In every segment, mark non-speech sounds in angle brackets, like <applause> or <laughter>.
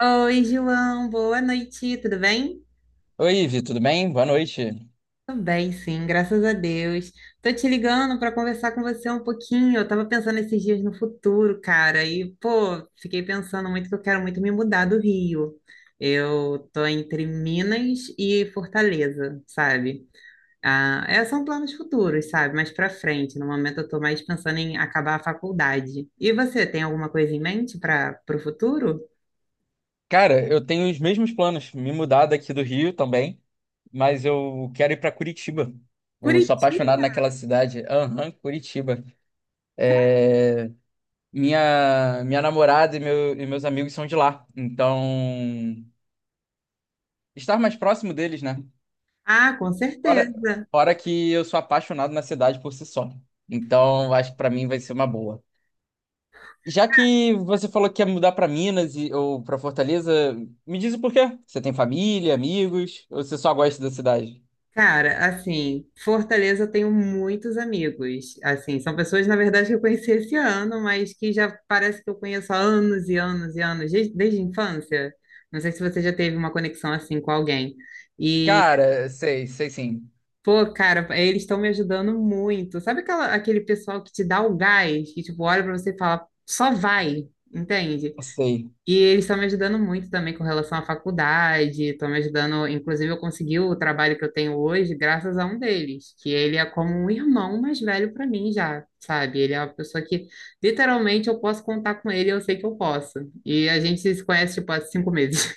Oi, João, boa noite, tudo bem? Oi, Ivi, tudo bem? Boa noite. Tudo bem, sim, graças a Deus. Tô te ligando para conversar com você um pouquinho. Eu tava pensando esses dias no futuro, cara, e pô, fiquei pensando muito que eu quero muito me mudar do Rio. Eu tô entre Minas e Fortaleza, sabe? Ah, é, são planos futuros, sabe? Mais para frente. No momento eu tô mais pensando em acabar a faculdade. E você, tem alguma coisa em mente para o futuro? Cara, eu tenho os mesmos planos, me mudar daqui do Rio também, mas eu quero ir para Curitiba. Eu sou apaixonado Curitiba? naquela cidade. Aham, Curitiba. É, minha namorada e, meus amigos são de lá, então estar mais próximo deles, né? Ah, com certeza. Fora, fora que eu sou apaixonado na cidade por si só. Então, acho que para mim vai ser uma boa. Já que você falou que ia mudar pra Minas ou pra Fortaleza, me diz o porquê. Você tem família, amigos, ou você só gosta da cidade? Cara, assim, Fortaleza eu tenho muitos amigos. Assim, são pessoas, na verdade, que eu conheci esse ano, mas que já parece que eu conheço há anos e anos e anos, desde a infância. Não sei se você já teve uma conexão assim com alguém. E, Cara, sei sim. pô, cara, eles estão me ajudando muito. Sabe aquela, aquele pessoal que te dá o gás, que, tipo, olha pra você e fala, só vai, entende? Sei. E eles estão me ajudando muito também com relação à faculdade, estão me ajudando, inclusive eu consegui o trabalho que eu tenho hoje graças a um deles, que ele é como um irmão mais velho para mim já, sabe? Ele é uma pessoa que literalmente eu posso contar com ele, eu sei que eu posso. E a gente se conhece tipo há 5 meses.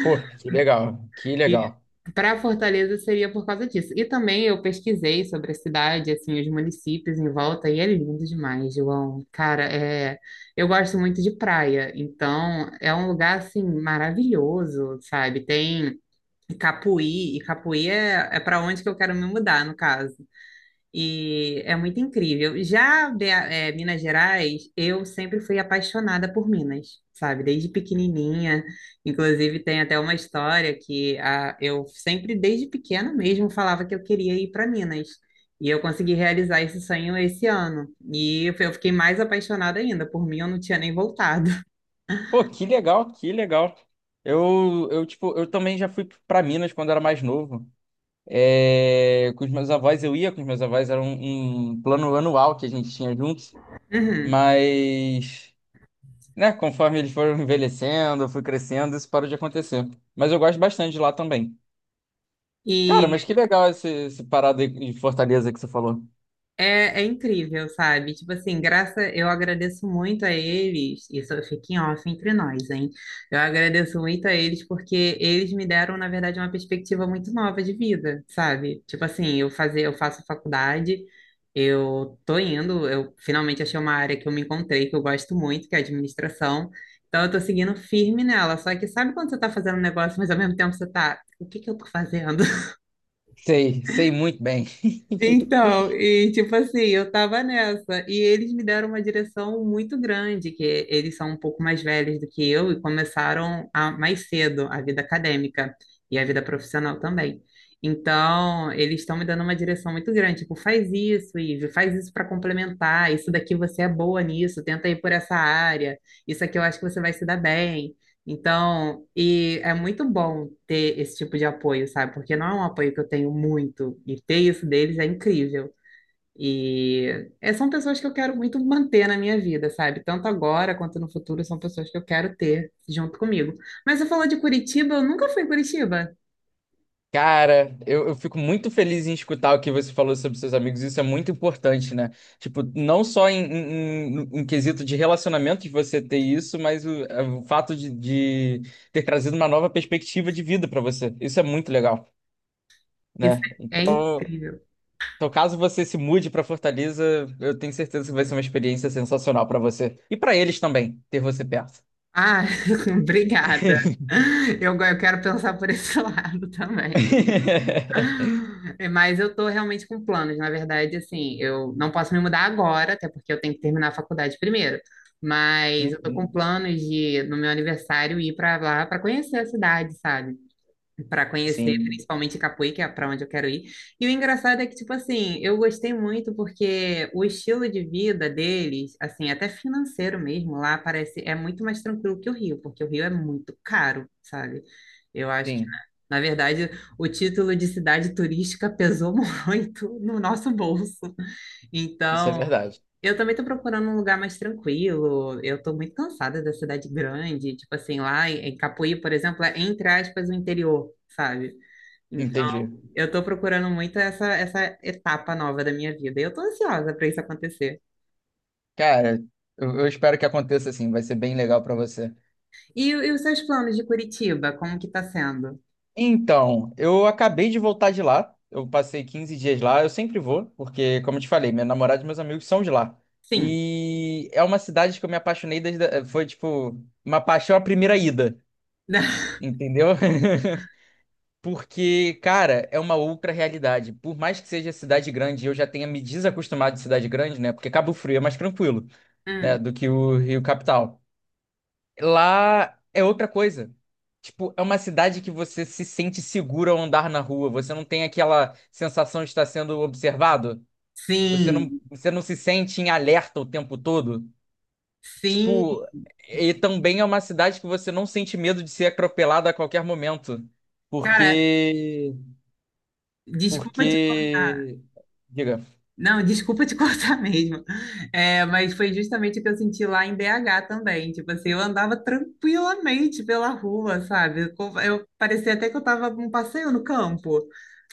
Pô, que legal, que legal. <laughs> Para Fortaleza seria por causa disso. E também eu pesquisei sobre a cidade, assim, os municípios em volta, e é lindo demais, João. Cara, é... eu gosto muito de praia, então é um lugar, assim, maravilhoso, sabe? Tem Capuí, e Capuí é para onde que eu quero me mudar, no caso. E é muito incrível. Já Minas Gerais, eu sempre fui apaixonada por Minas, sabe? Desde pequenininha. Inclusive, tem até uma história que a eu sempre, desde pequena mesmo, falava que eu queria ir para Minas. E eu consegui realizar esse sonho esse ano. E eu fiquei mais apaixonada ainda. Por mim, eu não tinha nem voltado. Pô, que legal, que legal. Eu também já fui pra Minas quando era mais novo. É, com os meus avós, eu ia com os meus avós, era um plano anual que a gente tinha juntos. <laughs> Mas, né? Conforme eles foram envelhecendo, eu fui crescendo, isso parou de acontecer. Mas eu gosto bastante de lá também. Cara, Uhum. mas que legal esse parado aí de Fortaleza que você falou. É incrível, sabe? Tipo assim, graça, eu agradeço muito a eles, isso fica em off entre nós, hein? Eu agradeço muito a eles porque eles me deram, na verdade, uma perspectiva muito nova de vida, sabe? Tipo assim, eu fazer, eu faço faculdade, eu tô indo, eu finalmente achei uma área que eu me encontrei, que eu gosto muito, que é a administração. Então eu tô seguindo firme nela. Só que sabe quando você tá fazendo um negócio, mas ao mesmo tempo você tá, o que que eu tô fazendo? Sei, sei muito bem. <laughs> Então, e tipo assim, eu tava nessa, e eles me deram uma direção muito grande, que eles são um pouco mais velhos do que eu e começaram a, mais cedo a vida acadêmica e a vida profissional também. Então, eles estão me dando uma direção muito grande, tipo, faz isso, Ive, faz isso para complementar, isso daqui você é boa nisso, tenta ir por essa área, isso aqui eu acho que você vai se dar bem. Então, e é muito bom ter esse tipo de apoio, sabe? Porque não é um apoio que eu tenho muito, e ter isso deles é incrível. E é, são pessoas que eu quero muito manter na minha vida, sabe? Tanto agora quanto no futuro, são pessoas que eu quero ter junto comigo. Mas você falou de Curitiba, eu nunca fui em Curitiba. Cara, eu fico muito feliz em escutar o que você falou sobre seus amigos, isso é muito importante, né? Tipo, não só em quesito de relacionamento de você ter isso, mas o, é, o fato de ter trazido uma nova perspectiva de vida pra você. Isso é muito legal, Isso né? é Então. incrível. Então, caso você se mude para Fortaleza, eu tenho certeza que vai ser uma experiência sensacional para você. E para eles também, ter você perto. Ah, <laughs> obrigada. Eu quero pensar por esse <laughs> lado também. <laughs> É, mas eu tô realmente com planos. Na verdade, assim, eu não posso me mudar agora, até porque eu tenho que terminar a faculdade primeiro. Mas eu tô com Uhum. planos de, no meu aniversário, ir pra lá pra conhecer a cidade, sabe? Para conhecer Sim, principalmente Capoeira, que é para onde eu quero ir. E o engraçado é que, tipo assim, eu gostei muito porque o estilo de vida deles, assim, até financeiro mesmo, lá parece, é muito mais tranquilo que o Rio, porque o Rio é muito caro, sabe? Eu acho que, sim, na verdade, o título de cidade turística pesou <laughs> muito no nosso bolso. isso é Então, verdade. eu também tô procurando um lugar mais tranquilo. Eu tô muito cansada da cidade grande. Tipo assim, lá em Capuí, por exemplo, é entre aspas o interior, sabe? Entendi. Então, eu tô procurando muito essa etapa nova da minha vida. E eu tô ansiosa para isso acontecer. Cara, eu espero que aconteça assim, vai ser bem legal para você. E os seus planos de Curitiba, como que tá sendo? Então, eu acabei de voltar de lá, eu passei 15 dias lá, eu sempre vou, porque, como eu te falei, minha namorada e meus amigos são de lá. Sim. E é uma cidade que eu me apaixonei desde, foi tipo, uma paixão à primeira ida. <laughs> Entendeu? <laughs> Porque, cara, é uma outra realidade. Por mais que seja cidade grande, eu já tenha me desacostumado de cidade grande, né? Porque Cabo Frio é mais tranquilo, né? Hum, Do que o Rio Capital. Lá é outra coisa. Tipo, é uma cidade que você se sente seguro ao andar na rua. Você não tem aquela sensação de estar sendo observado. Você não, sim. você não se sente em alerta o tempo todo. Sim. Tipo, e também é uma cidade que você não sente medo de ser atropelado a qualquer momento. Cara, Porque. desculpa te cortar. Porque. Diga, Não, desculpa te <laughs> cortar mesmo. É, mas foi justamente o que eu senti lá em BH também. Tipo assim, eu andava tranquilamente pela rua, sabe? Parecia até que eu tava num passeio no campo.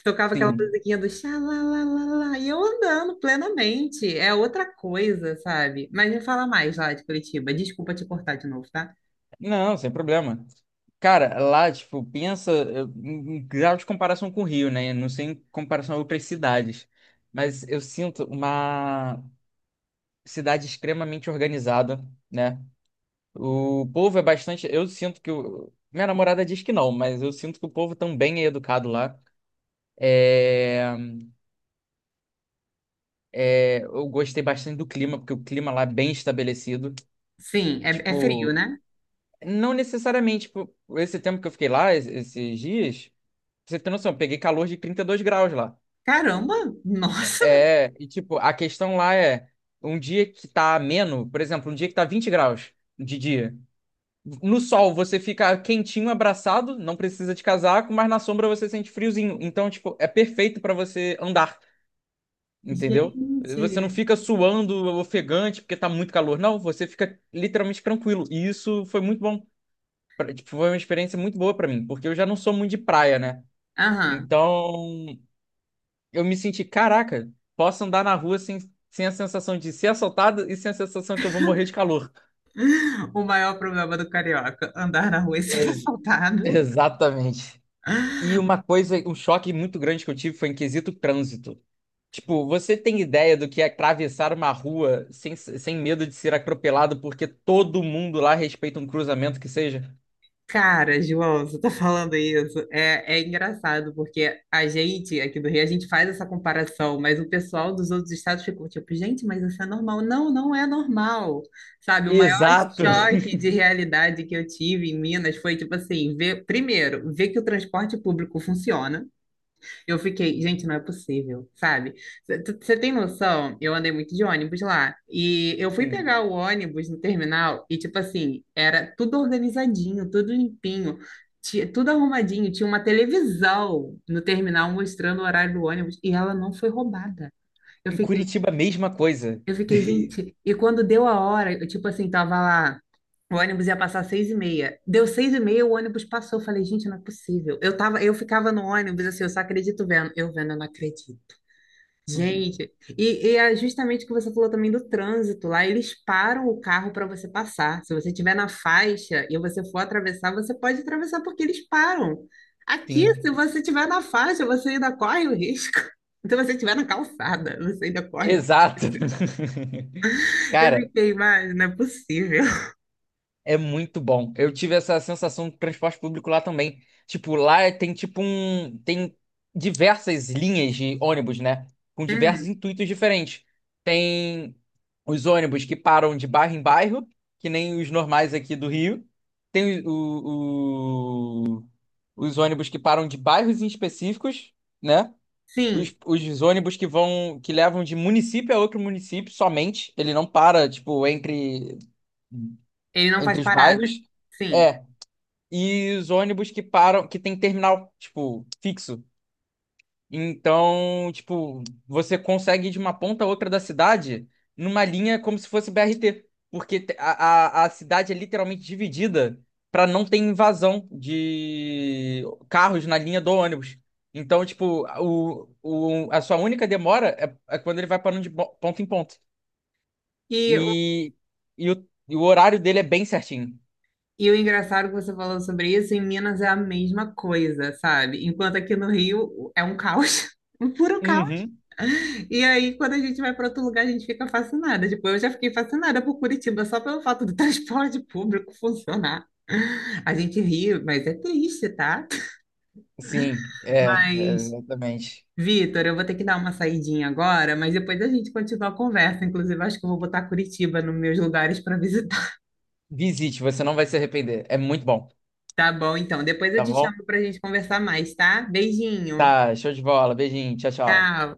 Tocava aquela sim. musiquinha do xalalalala e eu andando plenamente. É outra coisa, sabe? Mas me fala mais lá de Curitiba. Desculpa te cortar de novo, tá? Não, sem problema. Cara, lá, tipo, pensa em grau de comparação com o Rio, né? Não sei em comparação a outras cidades. Mas eu sinto uma cidade extremamente organizada, né? O povo é bastante. Eu sinto que. Minha namorada diz que não, mas eu sinto que o povo também é educado lá. É... É, eu gostei bastante do clima, porque o clima lá é bem estabelecido. Sim, é frio, Tipo, né? não necessariamente, tipo, esse tempo que eu fiquei lá, esses dias, pra você ter noção, eu peguei calor de 32 graus lá. Caramba! Nossa! É, e tipo, a questão lá é um dia que tá ameno, por exemplo, um dia que tá 20 graus de dia. No sol você fica quentinho, abraçado, não precisa de casaco, mas na sombra você sente friozinho. Então, tipo, é perfeito pra você andar. <laughs> Entendeu? Você não Gente! fica suando, ofegante, porque tá muito calor. Não, você fica literalmente tranquilo. E isso foi muito bom. Tipo, foi uma experiência muito boa pra mim, porque eu já não sou muito de praia, né? Aham. Então, eu me senti, caraca, posso andar na rua sem, sem a sensação de ser assaltado e sem a sensação que eu vou morrer de calor. <laughs> O maior problema do carioca, andar na rua e ser <laughs> Ex- assaltado. Exatamente. E uma coisa, um choque muito grande que eu tive foi em quesito trânsito. Tipo, você tem ideia do que é atravessar uma rua sem, sem medo de ser atropelado porque todo mundo lá respeita um cruzamento que seja? Cara, João, você tá falando isso. É engraçado, porque a gente aqui do Rio, a gente faz essa comparação, mas o pessoal dos outros estados ficou tipo, gente, mas isso é normal. Não, não é normal. Sabe, o maior Exato! choque de realidade que eu tive em Minas foi, tipo assim, ver, primeiro, ver que o transporte público funciona. Eu fiquei, gente, não é possível, sabe? Você tem noção? Eu andei muito de ônibus lá. E eu fui Sim. pegar o ônibus no terminal e, tipo assim, era tudo organizadinho, tudo limpinho, tudo arrumadinho. Tinha uma televisão no terminal mostrando o horário do ônibus e ela não foi roubada. Eu Em fiquei Curitiba, a mesma coisa. eu fiquei, gente, e quando deu a hora, eu, tipo assim, tava lá, o ônibus ia passar 6:30. Deu 6:30, o ônibus passou. Eu falei, gente, não é possível. Eu tava, eu ficava no ônibus, assim, eu só acredito vendo. Eu vendo, eu não acredito. Gente, e é justamente o que você falou também do trânsito. Lá eles param o carro para você passar. Se você estiver na faixa e você for atravessar, você pode atravessar porque eles param. Aqui, se Sim. você estiver na faixa, você ainda corre o risco. <laughs> Se você estiver na calçada, você ainda corre. Exato! <laughs> Eu Cara. fiquei, mas não é possível. É muito bom. Eu tive essa sensação do transporte público lá também. Tipo, lá é, tem tipo um. Tem diversas linhas de ônibus, né? Com diversos Hum, intuitos diferentes. Tem os ônibus que param de bairro em bairro, que nem os normais aqui do Rio. Tem os ônibus que param de bairros em específicos, né? sim, Os ônibus que vão, que levam de município a outro município somente. Ele não para, tipo, ele não faz entre os paradas. bairros. Sim. É. E os ônibus que param, que tem terminal, tipo, fixo. Então, tipo, você consegue ir de uma ponta a outra da cidade numa linha como se fosse BRT. Porque a cidade é literalmente dividida para não ter invasão de carros na linha do ônibus. Então, tipo, a sua única demora é, é quando ele vai parando de ponto em ponto. E, E, e o horário dele é bem certinho. e o engraçado que você falou sobre isso, em Minas é a mesma coisa, sabe? Enquanto aqui no Rio é um caos, <laughs> um puro caos. Uhum. E aí, quando a gente vai para outro lugar, a gente fica fascinada. Tipo, eu já fiquei fascinada por Curitiba só pelo fato do <laughs> transporte público funcionar. A gente ri, mas é triste, tá? Sim, Mas exatamente. Vitor, eu vou ter que dar uma saidinha agora, mas depois a gente continua a conversa. Inclusive, acho que eu vou botar Curitiba nos meus lugares para <laughs> visitar. Visite, você não vai se arrepender. É muito Tá bom, então. Depois eu te bom? chamo para a gente conversar mais, tá? Beijinho. Tá, show de bola. Beijinho, tchau, tchau. Tchau.